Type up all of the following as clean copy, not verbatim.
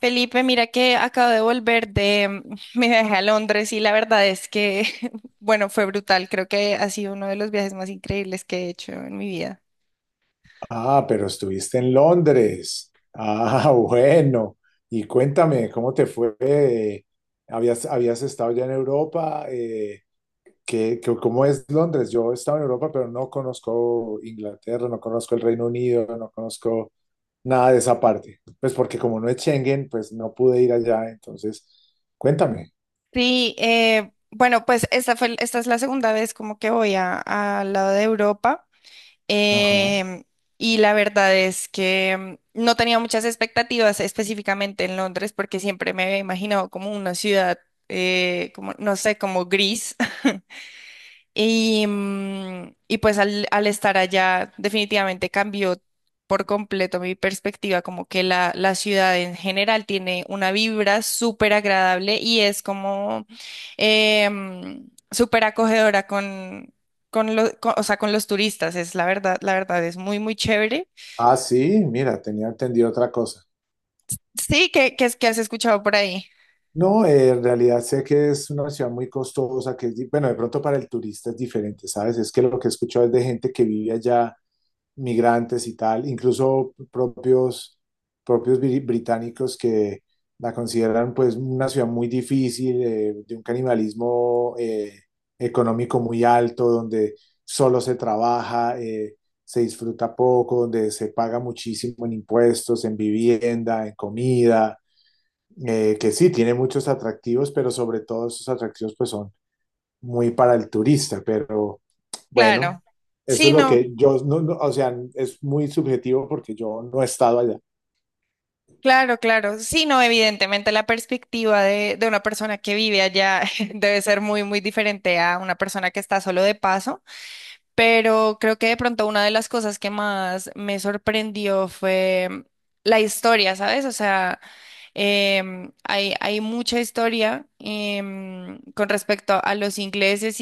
Felipe, mira que acabo de volver de mi viaje a Londres y la verdad es que, bueno, fue brutal. Creo que ha sido uno de los viajes más increíbles que he hecho en mi vida. Ah, pero estuviste en Londres. Ah, bueno. Y cuéntame, ¿cómo te fue? ¿Habías estado ya en Europa? ¿Cómo es Londres? Yo he estado en Europa, pero no conozco Inglaterra, no conozco el Reino Unido, no conozco nada de esa parte. Pues porque como no es Schengen, pues no pude ir allá. Entonces, cuéntame. Sí, bueno, pues esta es la segunda vez como que al lado de Europa. Ajá. em, y la verdad es que no tenía muchas expectativas específicamente en Londres porque siempre me había imaginado como una ciudad, como, no sé, como gris. Y pues al estar allá definitivamente cambió por completo mi perspectiva, como que la ciudad en general tiene una vibra súper agradable y es como súper acogedora o sea, con los turistas, es la verdad es muy, muy chévere. Ah, sí, mira, tenía entendido otra cosa. Sí, es que has escuchado por ahí. No, en realidad sé que es una ciudad muy costosa, que es, bueno, de pronto para el turista es diferente, ¿sabes? Es que lo que he escuchado es de gente que vive allá, migrantes y tal, incluso propios, británicos que la consideran pues una ciudad muy difícil, de un canibalismo económico muy alto, donde solo se trabaja, se disfruta poco, donde se paga muchísimo en impuestos, en vivienda, en comida que sí, tiene muchos atractivos, pero sobre todo esos atractivos pues son muy para el turista, pero bueno, Claro. eso Sí, es lo no. que yo, no, no, o sea, es muy subjetivo porque yo no he estado allá. Claro, claro. Sí, no, evidentemente la perspectiva de una persona que vive allá debe ser muy, muy diferente a una persona que está solo de paso, pero creo que de pronto una de las cosas que más me sorprendió fue la historia, ¿sabes? O sea, hay mucha historia con respecto a los ingleses,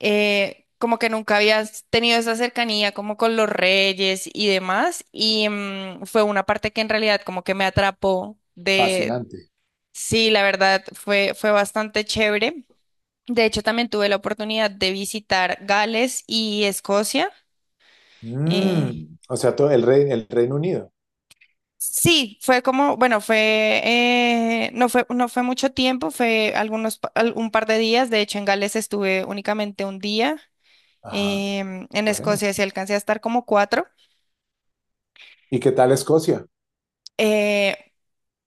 como que nunca habías tenido esa cercanía como con los reyes y demás, y fue una parte que en realidad como que me atrapó Fascinante. sí, la verdad fue bastante chévere. De hecho, también tuve la oportunidad de visitar Gales y Escocia. eh, Mm, o sea, todo el rey, el Reino Unido. sí, fue como, bueno, no fue mucho tiempo, fue algunos, un par de días. De hecho, en Gales estuve únicamente un día. Ajá, En bueno. Escocia sí alcancé a estar como cuatro. ¿Y qué tal Escocia Eh,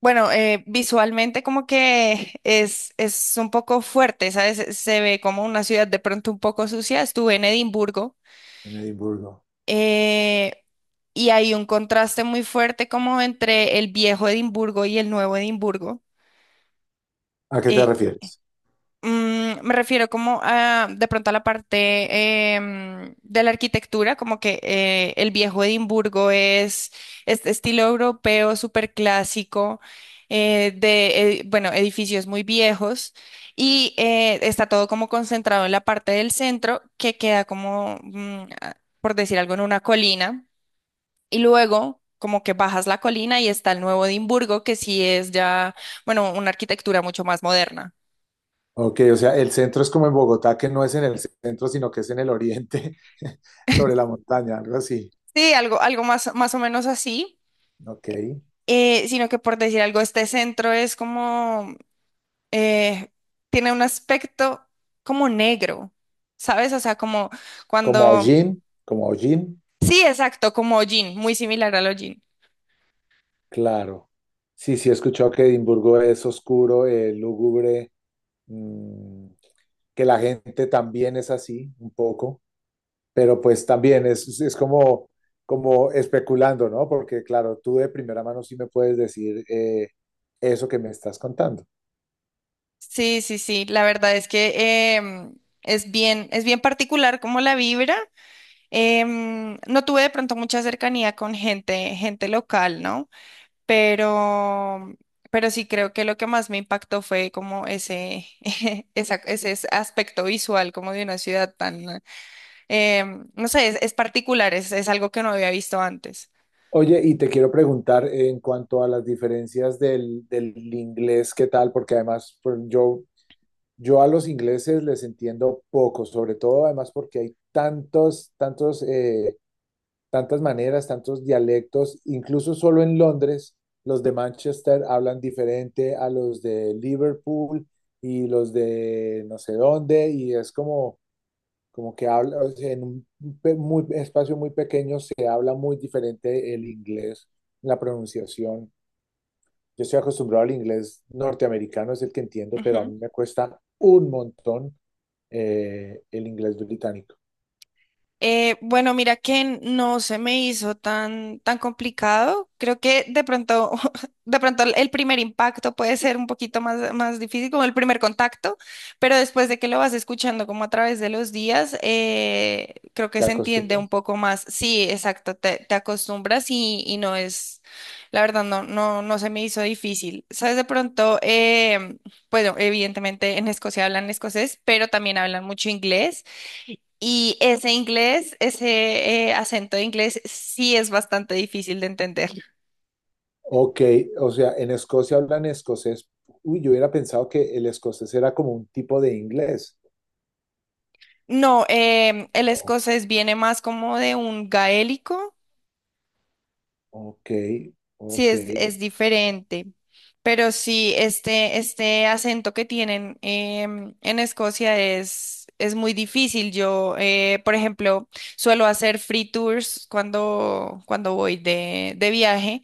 bueno, visualmente como que es un poco fuerte, ¿sabes? Se ve como una ciudad de pronto un poco sucia. Estuve en Edimburgo, en Edimburgo? eh, y hay un contraste muy fuerte como entre el viejo Edimburgo y el nuevo Edimburgo. ¿A qué te eh, refieres? me refiero como de pronto a la parte de la arquitectura, como que el viejo Edimburgo es este estilo europeo súper clásico, bueno, edificios muy viejos y está todo como concentrado en la parte del centro que queda como, por decir algo, en una colina y luego como que bajas la colina y está el nuevo Edimburgo, que sí es ya, bueno, una arquitectura mucho más moderna. Ok, o sea, el centro es como en Bogotá, que no es en el centro, sino que es en el oriente, sobre la montaña, algo así. Sí, algo más o menos así, Ok. Sino que por decir algo, este centro es como, eh, tiene un aspecto como negro, ¿sabes? O sea, como Como cuando. hollín, como hollín, Sí, exacto, como hollín, muy similar al hollín. claro. Sí, sí, he escuchado que Edimburgo es oscuro, lúgubre, mm, que la gente también es así, un poco, pero pues también es como, como especulando, ¿no? Porque claro, tú de primera mano sí me puedes decir eso que me estás contando. Sí, sí, sí, la verdad es que es bien particular como la vibra. No tuve de pronto mucha cercanía con gente local, ¿no? pero, pero sí creo que lo que más me impactó fue como ese, aspecto visual como de una ciudad tan, eh, no sé, es particular, es algo que no había visto antes. Oye, y te quiero preguntar en cuanto a las diferencias del inglés, ¿qué tal? Porque además pues, yo a los ingleses les entiendo poco, sobre todo además porque hay tantos, tantos, tantas maneras, tantos dialectos, incluso solo en Londres, los de Manchester hablan diferente a los de Liverpool y los de no sé dónde, y es como como que habla, o sea, en un muy, espacio muy pequeño se habla muy diferente el inglés, la pronunciación. Yo estoy acostumbrado al inglés norteamericano, es el que entiendo, pero a mí me cuesta un montón el inglés británico. Bueno, mira que no se me hizo tan, tan complicado. Creo que de pronto, de pronto el primer impacto puede ser un poquito más, más difícil, como el primer contacto, pero después de que lo vas escuchando como a través de los días, creo que ¿Te se entiende un acostumbras? poco más. Sí, exacto, te acostumbras y no es, la verdad, no se me hizo difícil. Sabes, de pronto, bueno, evidentemente en Escocia hablan escocés, pero también hablan mucho inglés. Y ese inglés, ese acento de inglés sí es bastante difícil de entender. Ok, o sea, en Escocia hablan escocés. Uy, yo hubiera pensado que el escocés era como un tipo de inglés. No, el No, escocés viene más como de un gaélico, ok, sí ok. Es diferente, pero sí este acento que tienen en Escocia es muy difícil. Yo, por ejemplo, suelo hacer free tours cuando voy de viaje.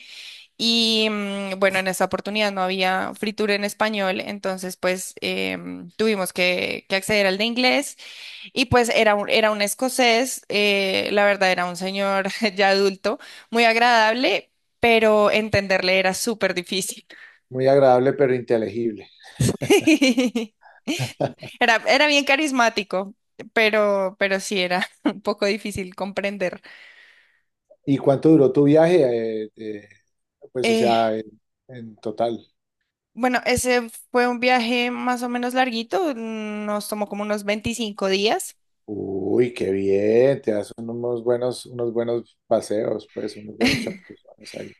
Y bueno, en esa oportunidad no había fritura en español, entonces pues tuvimos que acceder al de inglés y pues era un escocés, la verdad era un señor ya adulto, muy agradable, pero entenderle era súper difícil. Muy agradable, pero inteligible. Era bien carismático, pero sí era un poco difícil comprender. ¿Y cuánto duró tu viaje? Pues, o Eh, sea, en total. bueno, ese fue un viaje más o menos larguito, nos tomó como unos 25 días. Uy, qué bien, te das unos buenos paseos, pues, unos buenos chapuzones ahí.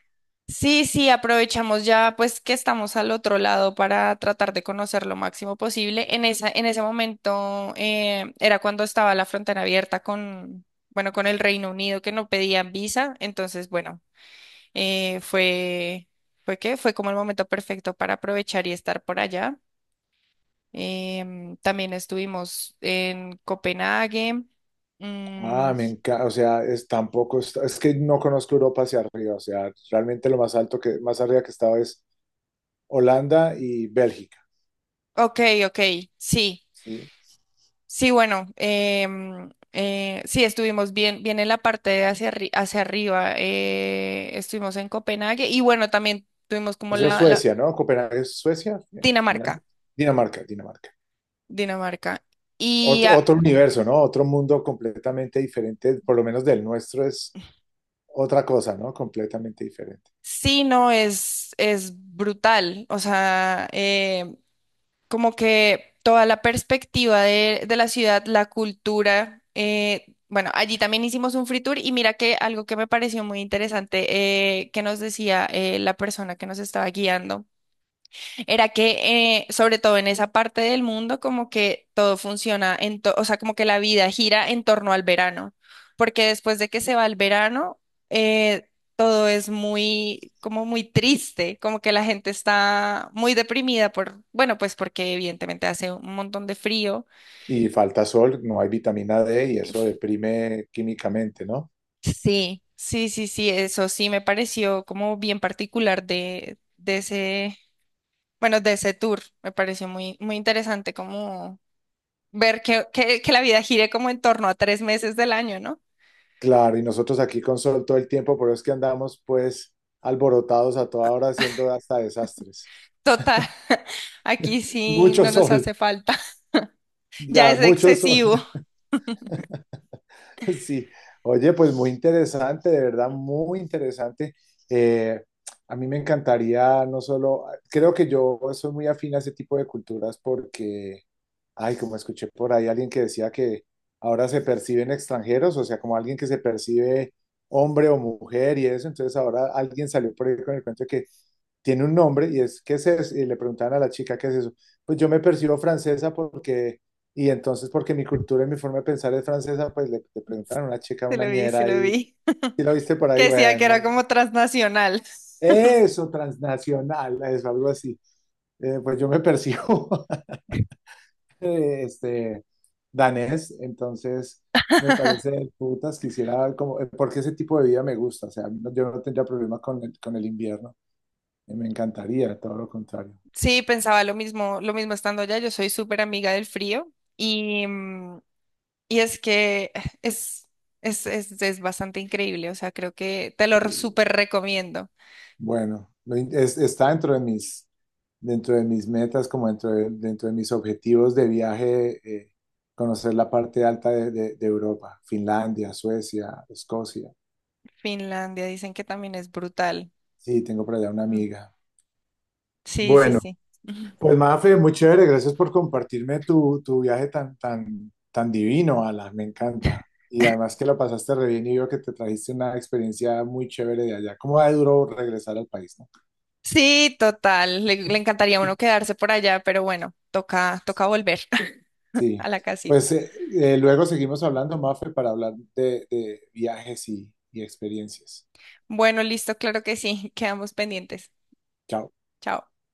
Sí, sí, aprovechamos ya pues que estamos al otro lado para tratar de conocer lo máximo posible. En ese momento era cuando estaba la frontera abierta con, bueno, con el Reino Unido que no pedían visa. Entonces, bueno, eh, fue, fue que fue como el momento perfecto para aprovechar y estar por allá. También estuvimos en Copenhague. Mm, Ah, me encanta, o sea, es tampoco, es que no conozco Europa hacia arriba, o sea, realmente lo más alto que, más arriba que he estado es Holanda y Bélgica, ok, ok, sí. ¿sí? Sí, bueno, sí, estuvimos bien en la parte de hacia arriba, estuvimos en Copenhague y bueno, también tuvimos como Eso es Suecia, ¿no? Copenhague es Suecia, Finlandia, Dinamarca, Dinamarca, Dinamarca. Dinamarca. Y Otro, ah, otro universo, ¿no? Otro mundo completamente diferente, por lo menos del nuestro, es otra cosa, ¿no? Completamente diferente. sí, no, es brutal, o sea, como que toda la perspectiva de la ciudad, la cultura, bueno, allí también hicimos un free tour y mira que algo que me pareció muy interesante, que nos decía la persona que nos estaba guiando. Era que, sobre todo en esa parte del mundo, como que todo funciona, o sea, como que la vida gira en torno al verano, porque después de que se va el verano, eh, todo es muy, como muy triste, como que la gente está muy deprimida por, bueno, pues porque evidentemente hace un montón de frío. Y falta sol, no hay vitamina D y eso deprime químicamente, ¿no? Sí, sí, sí, sí, eso sí me pareció como bien particular de ese tour, me pareció muy, muy interesante como ver que la vida gire como en torno a 3 meses del año, ¿no? Claro, y nosotros aquí con sol todo el tiempo, por eso es que andamos pues alborotados a toda hora haciendo hasta desastres. Total, aquí sí Mucho no nos sol, hace falta. Ya ya, es mucho sol. excesivo. Sí, oye, pues muy interesante, de verdad, muy interesante. Eh, a mí me encantaría, no solo, creo que yo soy muy afín a ese tipo de culturas porque, ay, como escuché por ahí alguien que decía que ahora se perciben extranjeros, o sea, como alguien que se percibe hombre o mujer y eso, entonces ahora alguien salió por ahí con el cuento de que tiene un nombre y es, ¿qué es eso? Y le preguntaban a la chica, ¿qué es eso? Pues yo me percibo francesa porque y entonces, porque mi cultura y mi forma de pensar es francesa, pues le preguntaron a una chica, Se una lo vi, se ñera, lo y vi. si lo viste por Que ahí, decía que bueno, era como transnacional. eso, transnacional, eso, algo así. Pues yo me percibo eh, este, danés, entonces me parece del putas, quisiera, como, porque ese tipo de vida me gusta, o sea, yo no tendría problema con el invierno, me encantaría, todo lo contrario. Sí, pensaba lo mismo estando allá. Yo soy súper amiga del frío y es que es, es bastante increíble. O sea, creo que te lo eh, súper recomiendo. Bueno, está dentro de mis metas, como dentro de mis objetivos de viaje, conocer la parte alta de, de Europa, Finlandia, Suecia, Escocia. Finlandia dicen que también es brutal. Sí, tengo por allá una Mm. amiga. Sí, sí, Bueno, sí. pues Mafe, muy chévere, gracias por compartirme tu, tu viaje tan, tan, tan divino, Ala, me encanta. Y además que la pasaste re bien y veo que te trajiste una experiencia muy chévere de allá. ¿Cómo va de duro regresar al país, no? Sí, total. Le encantaría a uno quedarse por allá, pero bueno, toca volver Sí, a la casita. pues luego seguimos hablando, Mafe, para hablar de viajes y experiencias. Bueno, listo, claro que sí. Quedamos pendientes. Chao. Chao.